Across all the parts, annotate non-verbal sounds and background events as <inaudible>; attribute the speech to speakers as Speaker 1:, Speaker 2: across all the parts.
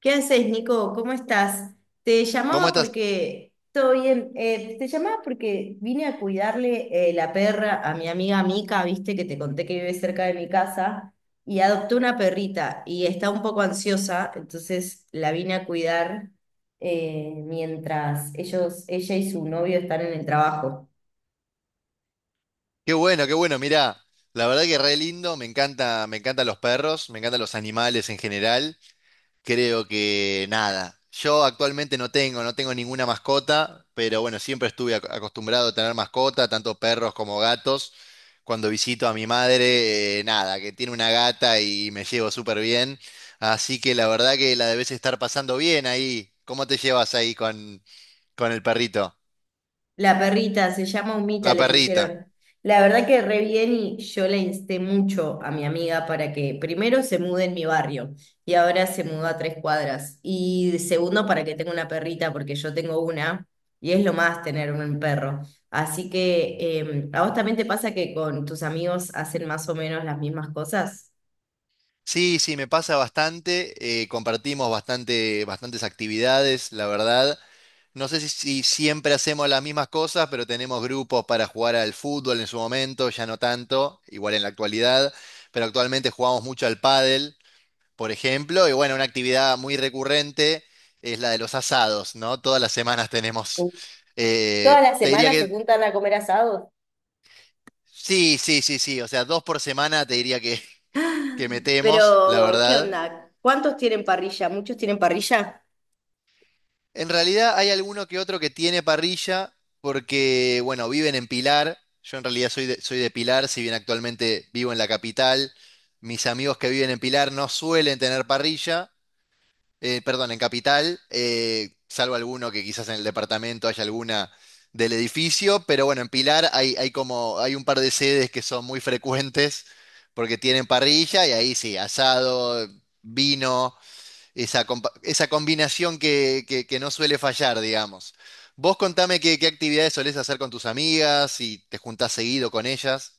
Speaker 1: ¿Qué haces, Nico? ¿Cómo estás? Te
Speaker 2: ¿Cómo
Speaker 1: llamaba
Speaker 2: estás?
Speaker 1: porque, todo bien, te llamaba porque vine a cuidarle la perra a mi amiga Mica, viste que te conté que vive cerca de mi casa, y adoptó una perrita y está un poco ansiosa, entonces la vine a cuidar mientras ellos, ella y su novio están en el trabajo.
Speaker 2: Qué bueno, qué bueno. Mirá, la verdad que re lindo. Me encanta, me encantan los perros, me encantan los animales en general. Creo que nada. Yo actualmente no tengo ninguna mascota, pero bueno, siempre estuve acostumbrado a tener mascota, tanto perros como gatos. Cuando visito a mi madre, nada, que tiene una gata y me llevo súper bien. Así que la verdad que la debes estar pasando bien ahí. ¿Cómo te llevas ahí con el perrito?
Speaker 1: La perrita se llama Humita,
Speaker 2: La
Speaker 1: le
Speaker 2: perrita.
Speaker 1: pusieron. La verdad que re bien y yo la insté mucho a mi amiga para que primero se mude en mi barrio y ahora se mudó a tres cuadras. Y segundo, para que tenga una perrita, porque yo tengo una y es lo más tener un perro. Así que, ¿a vos también te pasa que con tus amigos hacen más o menos las mismas cosas?
Speaker 2: Sí, sí, me pasa bastante. Compartimos bastante, bastantes actividades, la verdad. No sé si siempre hacemos las mismas cosas, pero tenemos grupos para jugar al fútbol en su momento, ya no tanto, igual en la actualidad. Pero actualmente jugamos mucho al pádel, por ejemplo. Y bueno, una actividad muy recurrente es la de los asados, ¿no? Todas las semanas tenemos.
Speaker 1: Todas las
Speaker 2: Te diría
Speaker 1: semanas se
Speaker 2: que
Speaker 1: juntan a comer asados.
Speaker 2: sí, sí, sí, sí. O sea, dos por semana te diría que
Speaker 1: <gasps>
Speaker 2: metemos, la
Speaker 1: Pero, ¿qué
Speaker 2: verdad.
Speaker 1: onda? ¿Cuántos tienen parrilla? ¿Muchos tienen parrilla?
Speaker 2: En realidad hay alguno que otro que tiene parrilla porque, bueno, viven en Pilar. Yo en realidad soy de Pilar, si bien actualmente vivo en la capital. Mis amigos que viven en Pilar no suelen tener parrilla, perdón, en capital, salvo alguno que quizás en el departamento haya alguna del edificio, pero bueno, en Pilar hay como, hay un par de sedes que son muy frecuentes porque tienen parrilla y ahí sí, asado, vino esa, esa combinación que no suele fallar, digamos. Vos contame qué actividades solés hacer con tus amigas, si te juntás seguido con ellas.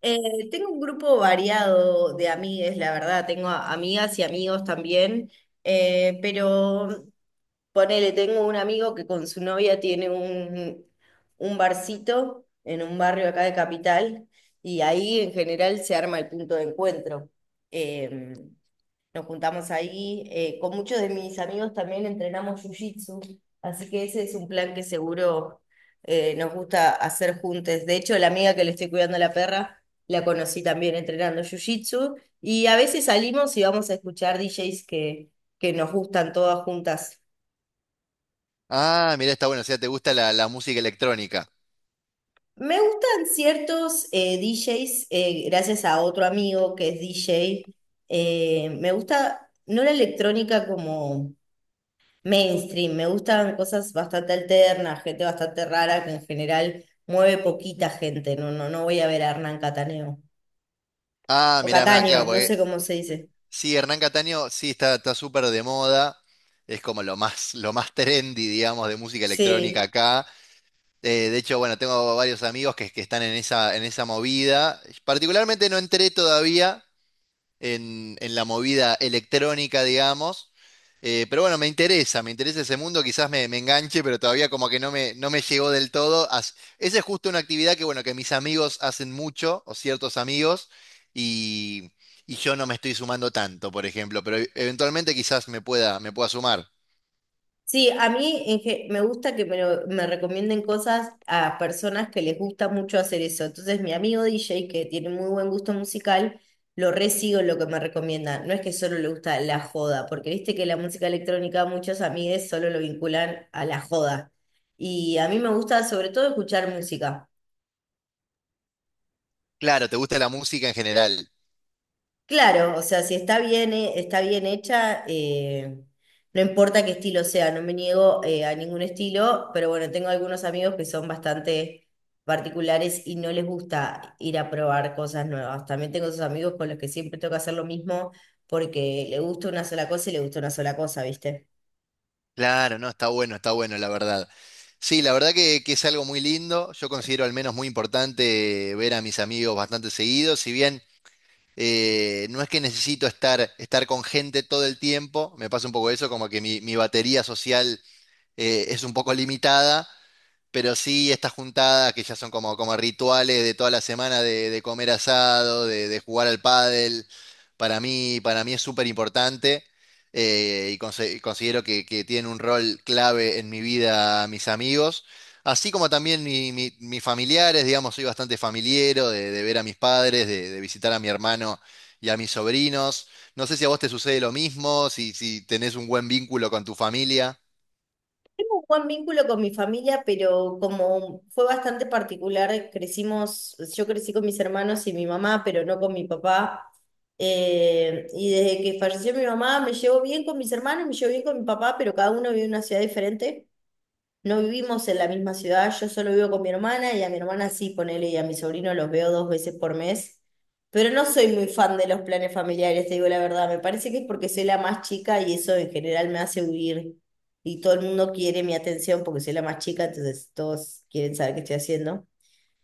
Speaker 1: Eh, tengo un grupo variado de amigues, la verdad, tengo amigas y amigos también, pero ponele, tengo un amigo que con su novia tiene un barcito en un barrio acá de Capital y ahí en general se arma el punto de encuentro. Em, nos juntamos ahí. Con muchos de mis amigos también entrenamos jiu-jitsu, así que ese es un plan que seguro nos gusta hacer juntos. De hecho, la amiga que le estoy cuidando a la perra, la conocí también entrenando jiu-jitsu. Y a veces salimos y vamos a escuchar DJs que nos gustan todas juntas.
Speaker 2: Ah, mirá, está bueno, o sea, te gusta la música electrónica.
Speaker 1: Me gustan ciertos DJs, gracias a otro amigo que es DJ. Me gusta, no la electrónica como mainstream. Me gustan cosas bastante alternas, gente bastante rara que en general mueve poquita gente. No voy a ver a Hernán Cataneo.
Speaker 2: Ah,
Speaker 1: O
Speaker 2: mirá, mirá,
Speaker 1: Cataño,
Speaker 2: claro,
Speaker 1: no sé
Speaker 2: porque
Speaker 1: cómo se dice.
Speaker 2: sí, Hernán Cataño sí está, está súper de moda. Es como lo más trendy, digamos, de música electrónica
Speaker 1: Sí.
Speaker 2: acá. De hecho, bueno, tengo varios amigos que están en en esa movida. Particularmente no entré todavía. En en, la movida electrónica, digamos. Pero bueno, me interesa ese mundo, quizás me enganche, pero todavía como que no me llegó del todo. Esa es justo una actividad que, bueno, que mis amigos hacen mucho, o ciertos amigos, y, y yo no me estoy sumando tanto, por ejemplo, pero eventualmente quizás me pueda sumar.
Speaker 1: Sí, a mí en me gusta que me, me recomienden cosas a personas que les gusta mucho hacer eso. Entonces, mi amigo DJ, que tiene muy buen gusto musical, lo re sigo en lo que me recomienda. No es que solo le gusta la joda, porque viste que la música electrónica muchos amigues solo lo vinculan a la joda. Y a mí me gusta sobre todo escuchar música.
Speaker 2: Claro, ¿te gusta la música en general?
Speaker 1: Claro, o sea, si está bien, está bien hecha, no importa qué estilo sea, no me niego a ningún estilo, pero bueno, tengo algunos amigos que son bastante particulares y no les gusta ir a probar cosas nuevas. También tengo esos amigos con los que siempre tengo que hacer lo mismo porque le gusta una sola cosa y le gusta una sola cosa, ¿viste?
Speaker 2: Claro, no, está bueno, la verdad. Sí, la verdad que es algo muy lindo. Yo considero al menos muy importante ver a mis amigos bastante seguido, si bien... No es que necesito estar con gente todo el tiempo, me pasa un poco eso, como que mi batería social es un poco limitada, pero sí, estas juntadas que ya son como, como rituales de toda la semana de comer asado, de jugar al pádel, para mí es súper importante y considero que tienen un rol clave en mi vida mis amigos, así como también mis familiares, digamos, soy bastante familiero de ver a mis padres, de visitar a mi hermano y a mis sobrinos. No sé si a vos te sucede lo mismo, si tenés un buen vínculo con tu familia.
Speaker 1: Tengo un buen vínculo con mi familia, pero como fue bastante particular, crecimos, yo crecí con mis hermanos y mi mamá, pero no con mi papá. Y desde que falleció mi mamá me llevo bien con mis hermanos, me llevo bien con mi papá, pero cada uno vive en una ciudad diferente. No vivimos en la misma ciudad, yo solo vivo con mi hermana y a mi hermana sí, ponele, y a mi sobrino los veo dos veces por mes. Pero no soy muy fan de los planes familiares, te digo la verdad. Me parece que es porque soy la más chica y eso en general me hace huir. Y todo el mundo quiere mi atención porque soy la más chica, entonces todos quieren saber qué estoy haciendo.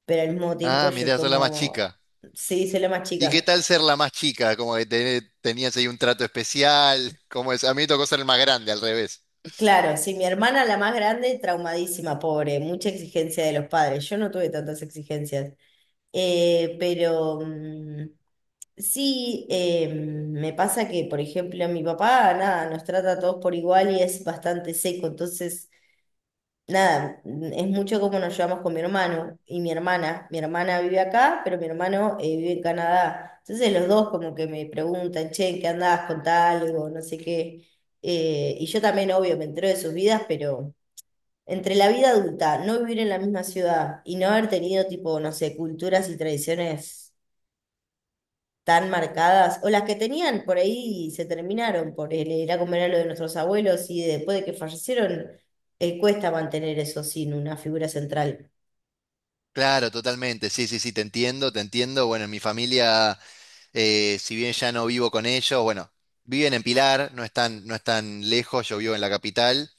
Speaker 1: Pero al mismo tiempo
Speaker 2: Ah,
Speaker 1: yo es
Speaker 2: mirá, sos la más
Speaker 1: como,
Speaker 2: chica.
Speaker 1: sí, soy la más
Speaker 2: ¿Y qué
Speaker 1: chica.
Speaker 2: tal ser la más chica? Como que tenías ahí un trato especial. ¿Cómo es? A mí me tocó ser el más grande, al revés.
Speaker 1: Claro, sí, mi hermana la más grande, traumadísima, pobre, mucha exigencia de los padres. Yo no tuve tantas exigencias. Eh, pero mm, sí, me pasa que, por ejemplo, mi papá, nada, nos trata a todos por igual y es bastante seco. Entonces, nada, es mucho como nos llevamos con mi hermano y mi hermana. Mi hermana vive acá, pero mi hermano vive en Canadá. Entonces, los dos como que me preguntan, che, ¿en ¿qué andás? Contá algo, no sé qué. Y yo también, obvio, me entero de sus vidas, pero entre la vida adulta, no vivir en la misma ciudad y no haber tenido, tipo, no sé, culturas y tradiciones tan marcadas, o las que tenían por ahí y se terminaron por el ir a comer a lo de nuestros abuelos y después de que fallecieron, cuesta mantener eso sin una figura central.
Speaker 2: Claro, totalmente. Sí, sí, sí, te entiendo, te entiendo. Bueno, en mi familia, si bien ya no vivo con ellos, bueno, viven en Pilar, no están, no están lejos, yo vivo en la capital.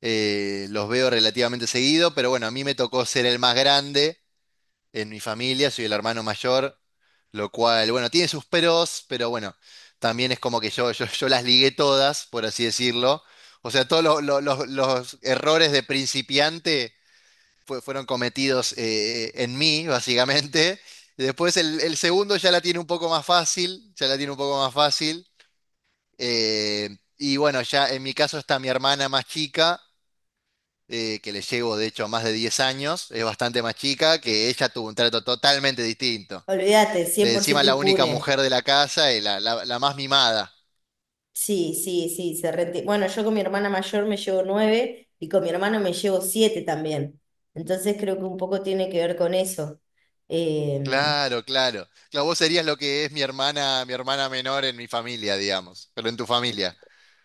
Speaker 2: Los veo relativamente seguido, pero bueno, a mí me tocó ser el más grande. En mi familia, soy el hermano mayor, lo cual, bueno, tiene sus peros, pero bueno, también es como que yo las ligué todas, por así decirlo. O sea, todos los errores de principiante fueron cometidos en mí, básicamente. Después el segundo ya la tiene un poco más fácil, ya la tiene un poco más fácil. Eh, y bueno, ya en mi caso está mi hermana más chica que le llevo de hecho más de 10 años, es bastante más chica, que ella tuvo un trato totalmente distinto.
Speaker 1: Olvídate, cien por
Speaker 2: Encima
Speaker 1: ciento
Speaker 2: la única
Speaker 1: impune.
Speaker 2: mujer de la casa y la más mimada.
Speaker 1: Sí, sí, sí, bueno, yo con mi hermana mayor me llevo nueve y con mi hermano me llevo siete también. Entonces creo que un poco tiene que ver con eso. Em,
Speaker 2: Claro, claro. Claro, vos serías lo que es mi hermana menor en mi familia, digamos, pero en tu familia.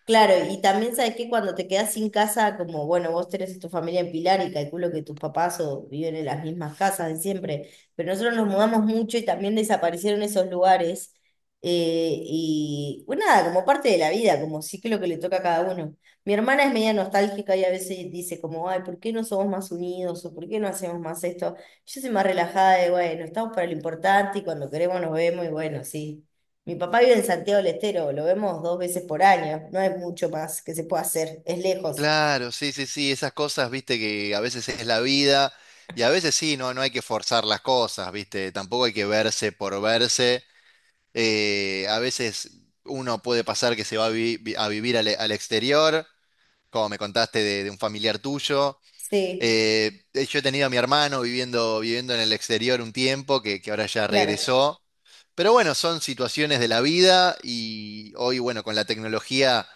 Speaker 1: Claro, y también sabes que cuando te quedas sin casa, como bueno, vos tenés a tu familia en Pilar y calculo que tus papás o viven en las mismas casas de siempre, pero nosotros nos mudamos mucho y también desaparecieron esos lugares. Y bueno, nada, como parte de la vida, como ciclo que le toca a cada uno. Mi hermana es media nostálgica y a veces dice como, ay, ¿por qué no somos más unidos? ¿O por qué no hacemos más esto? Yo soy más relajada de, bueno, estamos para lo importante y cuando queremos nos vemos y bueno, sí. Mi papá vive en Santiago del Estero, lo vemos dos veces por año, no hay mucho más que se pueda hacer, es lejos.
Speaker 2: Claro, sí, sí, sí, esas cosas, viste, que a veces es la vida y a veces sí, no, no hay que forzar las cosas, viste, tampoco hay que verse por verse. A veces uno puede pasar que se va a, a vivir al, al exterior, como me contaste de un familiar tuyo.
Speaker 1: Sí,
Speaker 2: Yo he tenido a mi hermano viviendo, viviendo en el exterior un tiempo, que ahora ya
Speaker 1: claro.
Speaker 2: regresó. Pero bueno, son situaciones de la vida y hoy, bueno, con la tecnología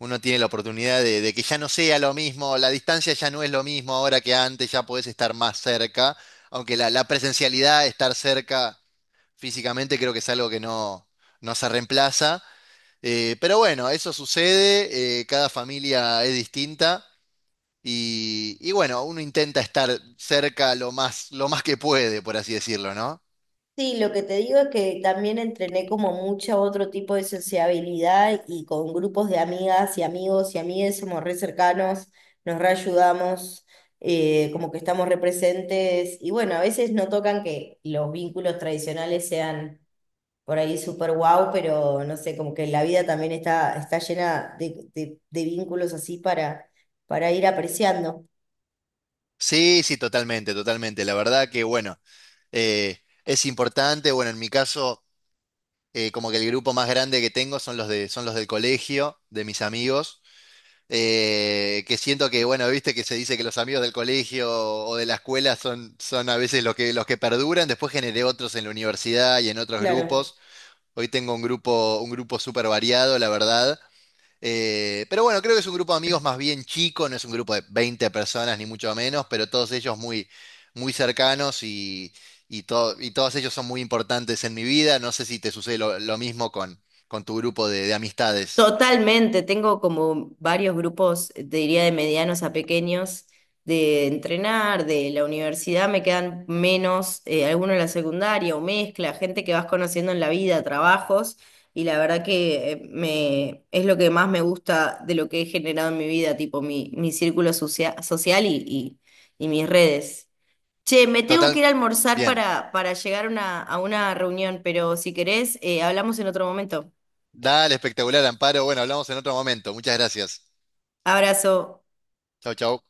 Speaker 2: uno tiene la oportunidad de que ya no sea lo mismo, la distancia ya no es lo mismo ahora que antes, ya podés estar más cerca, aunque la presencialidad, estar cerca físicamente, creo que es algo que no, no se reemplaza. Pero bueno, eso sucede, cada familia es distinta. Y bueno, uno intenta estar cerca lo más que puede, por así decirlo, ¿no?
Speaker 1: Sí, lo que te digo es que también entrené como mucha otro tipo de sociabilidad y con grupos de amigas y amigos y amigues somos re cercanos, nos reayudamos, como que estamos re presentes y bueno, a veces no tocan que los vínculos tradicionales sean por ahí súper guau, pero no sé, como que la vida también está, está llena de, de vínculos así para ir apreciando.
Speaker 2: Sí, sí, totalmente, totalmente. La verdad que, bueno, eh, es importante. Bueno, en mi caso, como que el grupo más grande que tengo son son los del colegio, de mis amigos, que siento que, bueno, viste que se dice que los amigos del colegio o de la escuela son, son a veces los que perduran. Después generé otros en la universidad y en otros
Speaker 1: Claro.
Speaker 2: grupos. Hoy tengo un grupo súper variado, la verdad. Pero bueno, creo que es un grupo de amigos más bien chico, no es un grupo de 20 personas ni mucho menos, pero todos ellos muy, muy cercanos y, y todos ellos son muy importantes en mi vida. No sé si te sucede lo mismo con tu grupo de amistades.
Speaker 1: Totalmente, tengo como varios grupos, te diría de medianos a pequeños, de entrenar, de la universidad me quedan menos, algunos de la secundaria o mezcla, gente que vas conociendo en la vida, trabajos, y la verdad que es lo que más me gusta de lo que he generado en mi vida, tipo mi círculo social y mis redes. Che, me tengo que
Speaker 2: Total,
Speaker 1: ir a almorzar
Speaker 2: bien.
Speaker 1: para llegar a a una reunión, pero si querés, hablamos en otro momento.
Speaker 2: Dale, espectacular, Amparo. Bueno, hablamos en otro momento. Muchas gracias.
Speaker 1: Abrazo.
Speaker 2: Chau, chau.